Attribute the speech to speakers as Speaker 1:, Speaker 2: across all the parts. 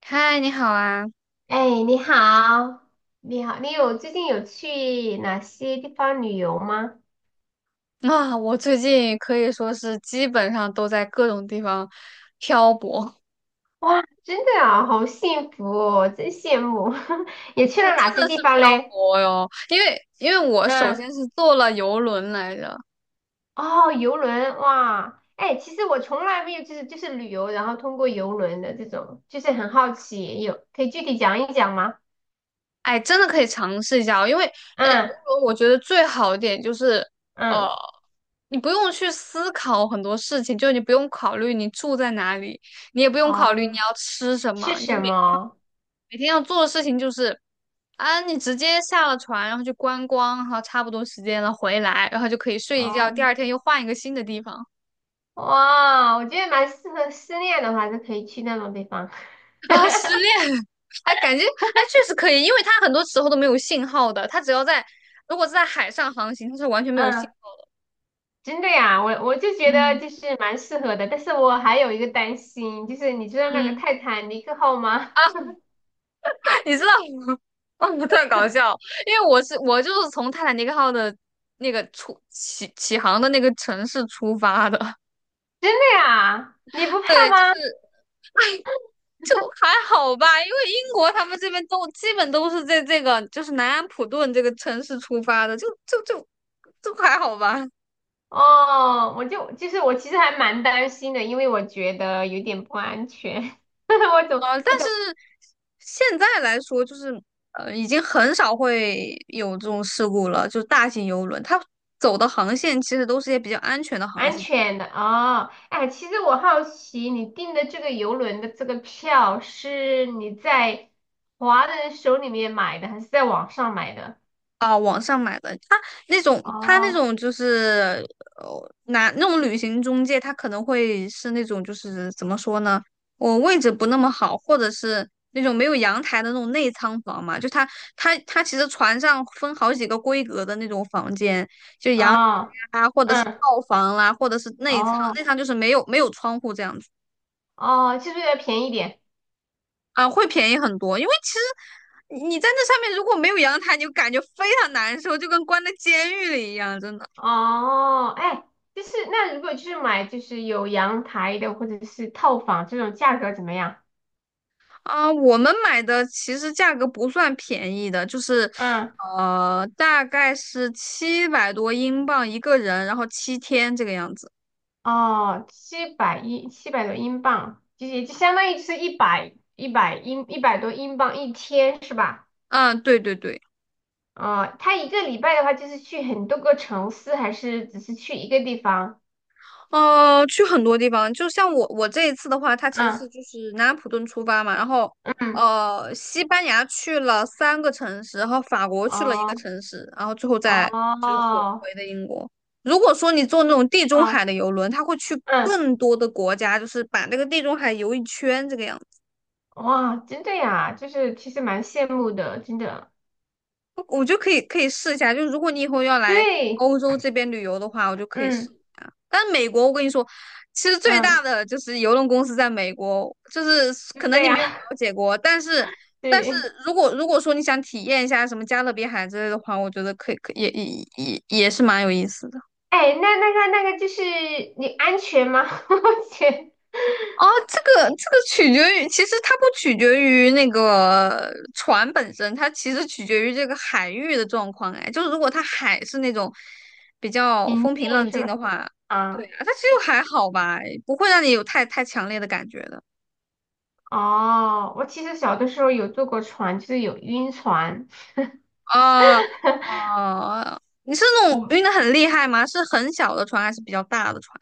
Speaker 1: 嗨，你好啊！
Speaker 2: 哎，你好，你好，你有最近有去哪些地方旅游吗？
Speaker 1: 啊，我最近可以说是基本上都在各种地方漂泊，
Speaker 2: 哇，真的啊，好幸福哦，真羡慕。也去
Speaker 1: 啊，
Speaker 2: 了哪
Speaker 1: 真
Speaker 2: 些
Speaker 1: 的
Speaker 2: 地
Speaker 1: 是
Speaker 2: 方
Speaker 1: 漂
Speaker 2: 嘞？
Speaker 1: 泊哟。因为我首先
Speaker 2: 嗯，
Speaker 1: 是坐了游轮来着，
Speaker 2: 哦，游轮，哇，哎，其实我从来没有就是旅游，然后通过游轮的这种，就是很好奇，有可以具体讲一讲吗？
Speaker 1: 哎，真的可以尝试一下哦。因为游
Speaker 2: 嗯
Speaker 1: 轮我觉得最好一点就是，呃，
Speaker 2: 嗯，
Speaker 1: 你不用去思考很多事情，就你不用考虑你住在哪里，你也不用考虑你
Speaker 2: 哦，
Speaker 1: 要吃什
Speaker 2: 是
Speaker 1: 么，你
Speaker 2: 什
Speaker 1: 每
Speaker 2: 么？
Speaker 1: 每天要做的事情就是啊，你直接下了船，然后就观光，然后差不多时间了回来，然后就可以睡一觉，
Speaker 2: 哦，
Speaker 1: 第二天又换一个新的地方
Speaker 2: 哇，我觉得蛮适合失恋的话，就可以去那种地方。
Speaker 1: 啊，失恋，哎，感觉确实可以，因为它很多时候都没有信号的，它只要在如果是在海上航行，它是完全 没有信
Speaker 2: 嗯。
Speaker 1: 号的。
Speaker 2: 真的呀，我就觉得
Speaker 1: 嗯，
Speaker 2: 就是蛮适合的，但是我还有一个担心，就是你知道那个
Speaker 1: 嗯，
Speaker 2: 泰坦尼克号吗？
Speaker 1: 你知道吗？哦，特搞笑，因为我从泰坦尼克号的那个起航的那个城市出发的，
Speaker 2: 真的呀，你不 怕
Speaker 1: 对，就是
Speaker 2: 吗？
Speaker 1: 就还好吧，因为英国他们这边都基本都是在这个就是南安普顿这个城市出发的，就还好吧。
Speaker 2: 哦，我就就是我其实还蛮担心的，因为我觉得有点不安全，我总
Speaker 1: 啊！但
Speaker 2: 我
Speaker 1: 是
Speaker 2: 总
Speaker 1: 现在来说，就是已经很少会有这种事故了，就是大型游轮，它走的航线其实都是一些比较安全的航
Speaker 2: 安
Speaker 1: 线。
Speaker 2: 全的哦。哎，其实我好奇你订的这个游轮的这个票是你在华人手里面买的，还是在网上买的？
Speaker 1: 那
Speaker 2: 哦
Speaker 1: 种就是拿那种旅行中介，他可能会是那种就是怎么说呢？我位置不那么好，或者是那种没有阳台的那种内舱房嘛，就他其实船上分好几个规格的那种房间，就阳台
Speaker 2: 哦，
Speaker 1: 啊，或者是
Speaker 2: 嗯
Speaker 1: 套房啦、或者是内舱，内
Speaker 2: 哦。
Speaker 1: 舱就是没有窗户这样子
Speaker 2: 哦，就是要便宜点。
Speaker 1: 啊，会便宜很多，因为其实。你在那上面如果没有阳台，你就感觉非常难受，就跟关在监狱里一样，真的。
Speaker 2: 哦，哎，就是那如果就是买就是有阳台的或者是套房这种价格怎么样？
Speaker 1: 啊，我们买的其实价格不算便宜的，就是
Speaker 2: 嗯，
Speaker 1: 大概是700多英镑一个人，然后7天这个样子。
Speaker 2: 哦，七百多英镑，就也就相当于就是一百多英镑一天是吧？
Speaker 1: 嗯，对对对。
Speaker 2: 哦，他一个礼拜的话就是去很多个城市，还是只是去一个地方？
Speaker 1: 去很多地方，就像我这一次的话，它其实是
Speaker 2: 嗯
Speaker 1: 就是南安普顿出发嘛，然后
Speaker 2: 嗯，
Speaker 1: 西班牙去了3个城市，然后法国去了一个
Speaker 2: 哦
Speaker 1: 城市，然后最后再就是回
Speaker 2: 哦
Speaker 1: 回的英国。如果说你坐那种地中海
Speaker 2: 哦，
Speaker 1: 的游轮，它会去
Speaker 2: 嗯，
Speaker 1: 更多的国家，就是把那个地中海游一圈这个样子。
Speaker 2: 哇，真的呀，就是其实蛮羡慕的，真的。
Speaker 1: 我就可以试一下，就如果你以后要来
Speaker 2: 对，
Speaker 1: 欧洲这边旅游的话，我就可以试
Speaker 2: 嗯
Speaker 1: 一下。但美国，我跟你说，其实最大
Speaker 2: 嗯，
Speaker 1: 的就是邮轮公司在美国，就是可能
Speaker 2: 对
Speaker 1: 你
Speaker 2: 呀，
Speaker 1: 没有了 解过，但是
Speaker 2: 对。
Speaker 1: 如果说你想体验一下什么加勒比海之类的话，我觉得可以也是蛮有意思的。
Speaker 2: 哎，那个就是你安全吗？我觉
Speaker 1: 哦，这个取决于，其实它不取决于那个船本身，它其实取决于这个海域的状况。哎，就是如果它海是那种比较
Speaker 2: 平
Speaker 1: 风平浪
Speaker 2: 静是
Speaker 1: 静
Speaker 2: 吧？
Speaker 1: 的话，对
Speaker 2: 啊，
Speaker 1: 啊，它其实还好吧，不会让你有太强烈的感觉的。
Speaker 2: 哦，我其实小的时候有坐过船，就是有晕船，
Speaker 1: 啊哦，你是那种晕
Speaker 2: 我
Speaker 1: 的很厉害吗？是很小的船还是比较大的船？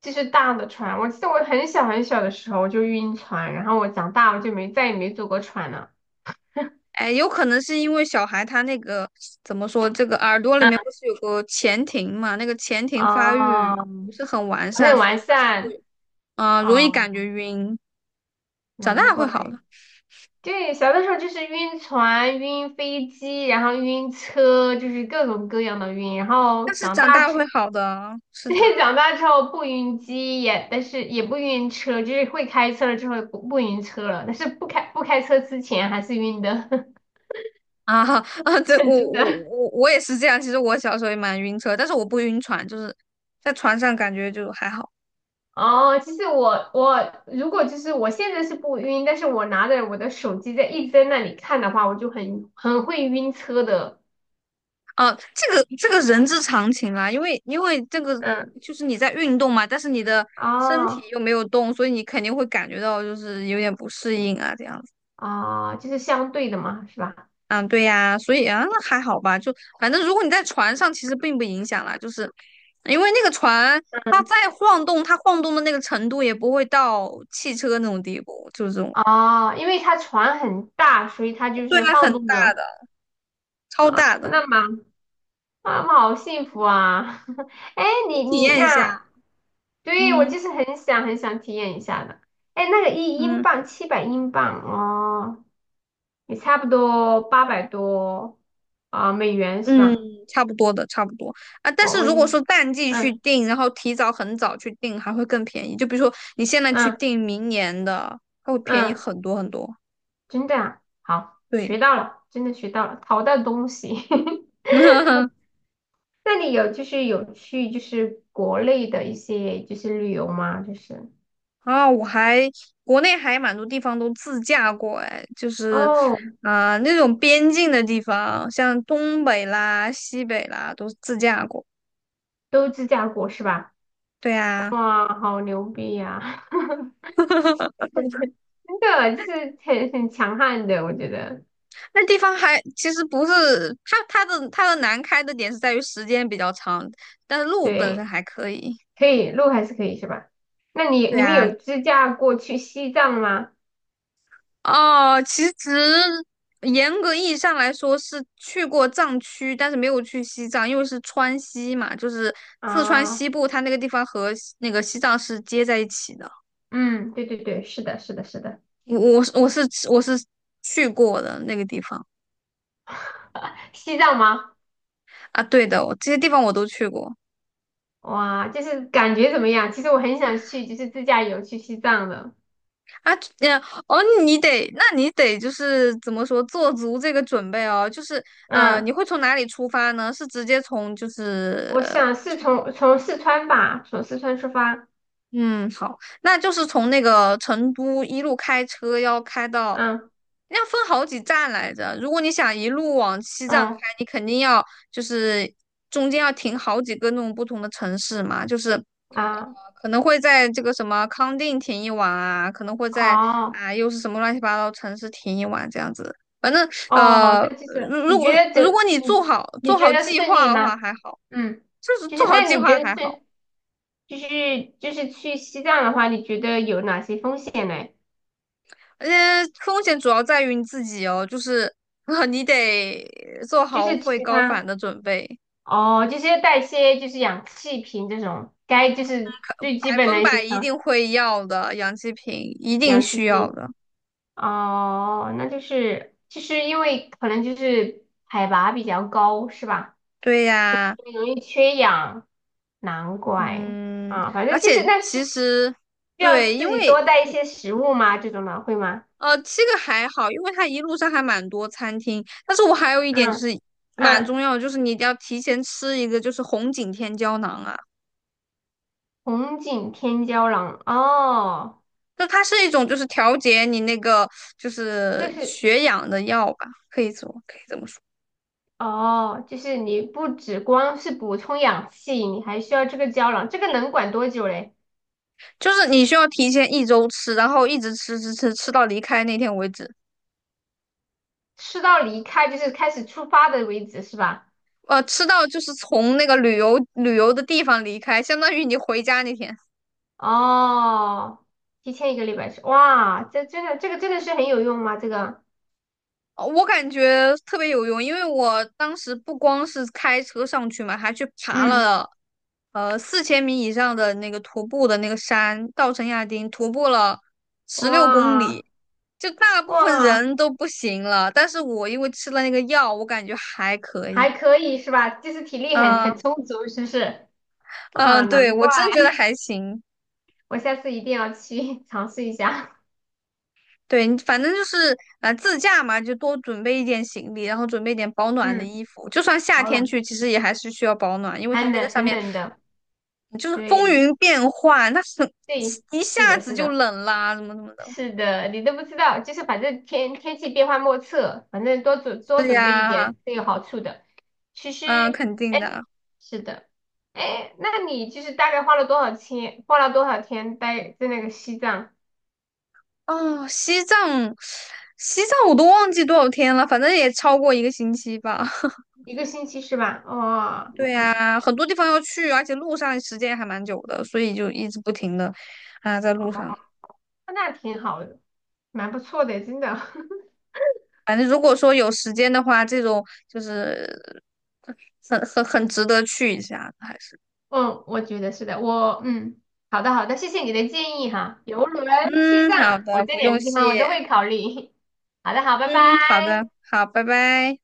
Speaker 2: 就是大的船。我记得我很小很小的时候我就晕船，然后我长大我就没再也没坐过船了。
Speaker 1: 哎，有可能是因为小孩他那个怎么说，这个耳朵里
Speaker 2: 嗯，
Speaker 1: 面不是有个前庭嘛？那个前庭发
Speaker 2: 哦，
Speaker 1: 育不是很完
Speaker 2: 我
Speaker 1: 善，
Speaker 2: 很
Speaker 1: 所
Speaker 2: 完
Speaker 1: 以他才
Speaker 2: 善
Speaker 1: 会容易
Speaker 2: 哦，
Speaker 1: 感觉晕。长
Speaker 2: 难
Speaker 1: 大会
Speaker 2: 怪。
Speaker 1: 好的，
Speaker 2: 对，小的时候就是晕船、晕飞机，然后晕车，就是各种各样的晕。然后
Speaker 1: 但是
Speaker 2: 长
Speaker 1: 长
Speaker 2: 大
Speaker 1: 大
Speaker 2: 之，
Speaker 1: 会好的啊，是
Speaker 2: 对，
Speaker 1: 的
Speaker 2: 长大之后不晕机也，但是也不晕车，就是会开车了之后不晕车了，但是不开车之前还是晕的，
Speaker 1: 啊 啊！这 我
Speaker 2: 真
Speaker 1: 我
Speaker 2: 的。
Speaker 1: 我我也是这样。其实我小时候也蛮晕车，但是我不晕船，就是在船上感觉就还好。
Speaker 2: 哦，其实我如果就是我现在是不晕，但是我拿着我的手机在一直在那里看的话，我就很会晕车的。
Speaker 1: 啊，这个人之常情啦，因为这个
Speaker 2: 嗯
Speaker 1: 就是你在运动嘛，但是你的身体
Speaker 2: 哦
Speaker 1: 又没有动，所以你肯定会感觉到就是有点不适应啊，这样子。
Speaker 2: 哦，就是相对的嘛，是吧？
Speaker 1: 嗯，对呀，所以啊，那还好吧，就反正如果你在船上，其实并不影响啦，就是因为那个船它再晃动，它晃动的那个程度也不会到汽车那种地步，就是这种，
Speaker 2: 哦，因为它船很大，所以它就
Speaker 1: 对
Speaker 2: 是
Speaker 1: 啊，很
Speaker 2: 晃动
Speaker 1: 大
Speaker 2: 的。
Speaker 1: 的，超
Speaker 2: 啊，
Speaker 1: 大的，
Speaker 2: 那妈妈好幸福啊！哎，
Speaker 1: 你
Speaker 2: 你
Speaker 1: 体
Speaker 2: 你
Speaker 1: 验一
Speaker 2: 那，
Speaker 1: 下，
Speaker 2: 对，我
Speaker 1: 嗯
Speaker 2: 就是很想体验一下的。哎，那个一英
Speaker 1: 嗯。
Speaker 2: 镑七百英镑哦，也差不多八百多啊、美元是
Speaker 1: 嗯，
Speaker 2: 吧？
Speaker 1: 差不多的，差不多啊。但
Speaker 2: 我
Speaker 1: 是
Speaker 2: 我
Speaker 1: 如果
Speaker 2: 记，
Speaker 1: 说淡季去
Speaker 2: 嗯
Speaker 1: 订，然后提早很早去订，还会更便宜。就比如说你现在去
Speaker 2: 嗯
Speaker 1: 订明年的，它会便宜
Speaker 2: 嗯，
Speaker 1: 很多很多。
Speaker 2: 真的啊，好，学
Speaker 1: 对，
Speaker 2: 到了，真的学到了，淘到东西。那你有就是有去就是国内的一些就是旅游吗？就是
Speaker 1: 啊，国内还蛮多地方都自驾过，哎，就是
Speaker 2: 哦，
Speaker 1: 那种边境的地方，像东北啦、西北啦，都自驾过。
Speaker 2: 都自驾过是吧？
Speaker 1: 对啊。
Speaker 2: 哇，好牛逼呀、真的就是很强悍的，我觉得
Speaker 1: 那地方还其实不是它的难开的点是在于时间比较长，但是路本身
Speaker 2: 对，
Speaker 1: 还可以。
Speaker 2: 可以路还是可以是吧？那你
Speaker 1: 对
Speaker 2: 你们
Speaker 1: 啊，
Speaker 2: 有自驾过去西藏吗？
Speaker 1: 哦，其实严格意义上来说是去过藏区，但是没有去西藏，因为是川西嘛，就是四川西
Speaker 2: 啊，
Speaker 1: 部，它那个地方和西那个西藏是接在一起的。
Speaker 2: 嗯，对对对，是的，是的，是的，
Speaker 1: 我去过的那个地方
Speaker 2: 西藏吗？
Speaker 1: 啊，对的，我这些地方我都去过。
Speaker 2: 哇，就是感觉怎么样？其实我很想去，就是自驾游去西藏的，
Speaker 1: 啊，呀，哦，那你得就是怎么说，做足这个准备哦。就是你
Speaker 2: 嗯。
Speaker 1: 会从哪里出发呢？是直接从就是
Speaker 2: 我想是从四川吧，从四川出发。
Speaker 1: 嗯，好，那就是从那个成都一路开车要开到，
Speaker 2: 嗯
Speaker 1: 要分好几站来着。如果你想一路往西藏开，
Speaker 2: 嗯
Speaker 1: 你肯定要就是中间要停好几个那种不同的城市嘛，就是
Speaker 2: 啊
Speaker 1: 可能会在这个什么康定停一晚啊，可能会在
Speaker 2: 哦
Speaker 1: 啊又是什么乱七八糟城市停一晚这样子。反正
Speaker 2: 哦，
Speaker 1: 呃，
Speaker 2: 那就
Speaker 1: 如
Speaker 2: 是
Speaker 1: 如果如果你做好做
Speaker 2: 你
Speaker 1: 好
Speaker 2: 觉得
Speaker 1: 计
Speaker 2: 顺
Speaker 1: 划
Speaker 2: 利
Speaker 1: 的
Speaker 2: 吗？
Speaker 1: 话还好，
Speaker 2: 嗯，
Speaker 1: 就是
Speaker 2: 就
Speaker 1: 做
Speaker 2: 是
Speaker 1: 好
Speaker 2: 那
Speaker 1: 计
Speaker 2: 你觉
Speaker 1: 划
Speaker 2: 得
Speaker 1: 还好，
Speaker 2: 是就是去西藏的话，你觉得有哪些风险呢？
Speaker 1: 而且风险主要在于你自己哦，就是你得做
Speaker 2: 就
Speaker 1: 好
Speaker 2: 是
Speaker 1: 会
Speaker 2: 其
Speaker 1: 高反
Speaker 2: 他
Speaker 1: 的准备，
Speaker 2: 哦，就是要带一些就是氧气瓶这种，该就是最基
Speaker 1: 百
Speaker 2: 本
Speaker 1: 分
Speaker 2: 的一些
Speaker 1: 百一
Speaker 2: 常
Speaker 1: 定会要的，氧气瓶一定
Speaker 2: 氧气
Speaker 1: 需要
Speaker 2: 瓶。
Speaker 1: 的。
Speaker 2: 哦，那就是因为可能就是海拔比较高，是吧？
Speaker 1: 对呀，
Speaker 2: 容易缺氧，难怪
Speaker 1: 嗯，
Speaker 2: 啊，反
Speaker 1: 而
Speaker 2: 正就是
Speaker 1: 且
Speaker 2: 那
Speaker 1: 其
Speaker 2: 是
Speaker 1: 实。
Speaker 2: 需
Speaker 1: 对，
Speaker 2: 要
Speaker 1: 因
Speaker 2: 自己
Speaker 1: 为
Speaker 2: 多带一些食物吗？这种的会吗？
Speaker 1: 这个还好，因为它一路上还蛮多餐厅。但是我还有一点就是
Speaker 2: 嗯
Speaker 1: 蛮重
Speaker 2: 嗯，
Speaker 1: 要的，就是你一定要提前吃一个，就是红景天胶囊啊，
Speaker 2: 红景天胶囊哦，
Speaker 1: 就它是一种就是调节你那个就
Speaker 2: 这
Speaker 1: 是
Speaker 2: 是
Speaker 1: 血氧的药吧，可以这么说，
Speaker 2: 哦，就是你不只光是补充氧气，你还需要这个胶囊，这个能管多久嘞？
Speaker 1: 就是你需要提前一周吃，然后一直吃到离开那天为止，
Speaker 2: 吃到离开就是开始出发的为止是吧？
Speaker 1: 吃到就是从那个旅游的地方离开，相当于你回家那天。
Speaker 2: 哦，提前一个礼拜吃，哇，这个真的是很有用吗？这个，
Speaker 1: 哦我感觉特别有用，因为我当时不光是开车上去嘛，还去爬
Speaker 2: 嗯，
Speaker 1: 了4000米以上的那个徒步的那个山，稻城亚丁，徒步了十六公
Speaker 2: 哇
Speaker 1: 里，就大部分
Speaker 2: 哇。
Speaker 1: 人都不行了，但是我因为吃了那个药，我感觉还可
Speaker 2: 还
Speaker 1: 以。
Speaker 2: 可以是吧？就是体力很
Speaker 1: 嗯
Speaker 2: 很充足，是不是？啊，
Speaker 1: 嗯，对，
Speaker 2: 难
Speaker 1: 我
Speaker 2: 怪，
Speaker 1: 真觉得 还行。
Speaker 2: 我下次一定要去 尝试一下。
Speaker 1: 对，你反正就是自驾嘛，就多准备一点行李，然后准备一点保暖的
Speaker 2: 嗯，
Speaker 1: 衣服。就算夏
Speaker 2: 保
Speaker 1: 天
Speaker 2: 暖，
Speaker 1: 去，其实也还是需要保暖，因为它
Speaker 2: 很
Speaker 1: 那个
Speaker 2: 冷
Speaker 1: 上
Speaker 2: 很
Speaker 1: 面
Speaker 2: 冷的，
Speaker 1: 嗯就是风
Speaker 2: 对
Speaker 1: 云变幻，它
Speaker 2: 对，
Speaker 1: 一
Speaker 2: 是
Speaker 1: 下
Speaker 2: 的，
Speaker 1: 子
Speaker 2: 是
Speaker 1: 就
Speaker 2: 的，
Speaker 1: 冷啦，怎么怎么的。
Speaker 2: 是的，你都不知道，就是反正天气变幻莫测，反正多准多
Speaker 1: 对
Speaker 2: 准备一
Speaker 1: 呀，
Speaker 2: 点是有好处的。其实，
Speaker 1: 嗯，肯定
Speaker 2: 哎，
Speaker 1: 的。
Speaker 2: 是的，哎，那你就是大概花了多少钱？花了多少天待在那个西藏？
Speaker 1: 哦，西藏，西藏我都忘记多少天了，反正也超过一个星期吧。
Speaker 2: 一个星期是吧？哇、
Speaker 1: 对
Speaker 2: 那
Speaker 1: 呀，很多地方要去，而且路上时间还蛮久的，所以就一直不停的啊在路上。
Speaker 2: 那挺好的，蛮不错的，真的。
Speaker 1: 反正如果说有时间的话，这种就是很值得去一下的还是
Speaker 2: 嗯，我觉得是的，我嗯，好的好的，谢谢你的建议哈。游轮、西
Speaker 1: 嗯，好
Speaker 2: 藏，我
Speaker 1: 的，
Speaker 2: 这
Speaker 1: 不
Speaker 2: 两
Speaker 1: 用
Speaker 2: 个地方我都
Speaker 1: 谢，
Speaker 2: 会考虑。好的，好，拜拜。
Speaker 1: 嗯，好的，好，拜拜。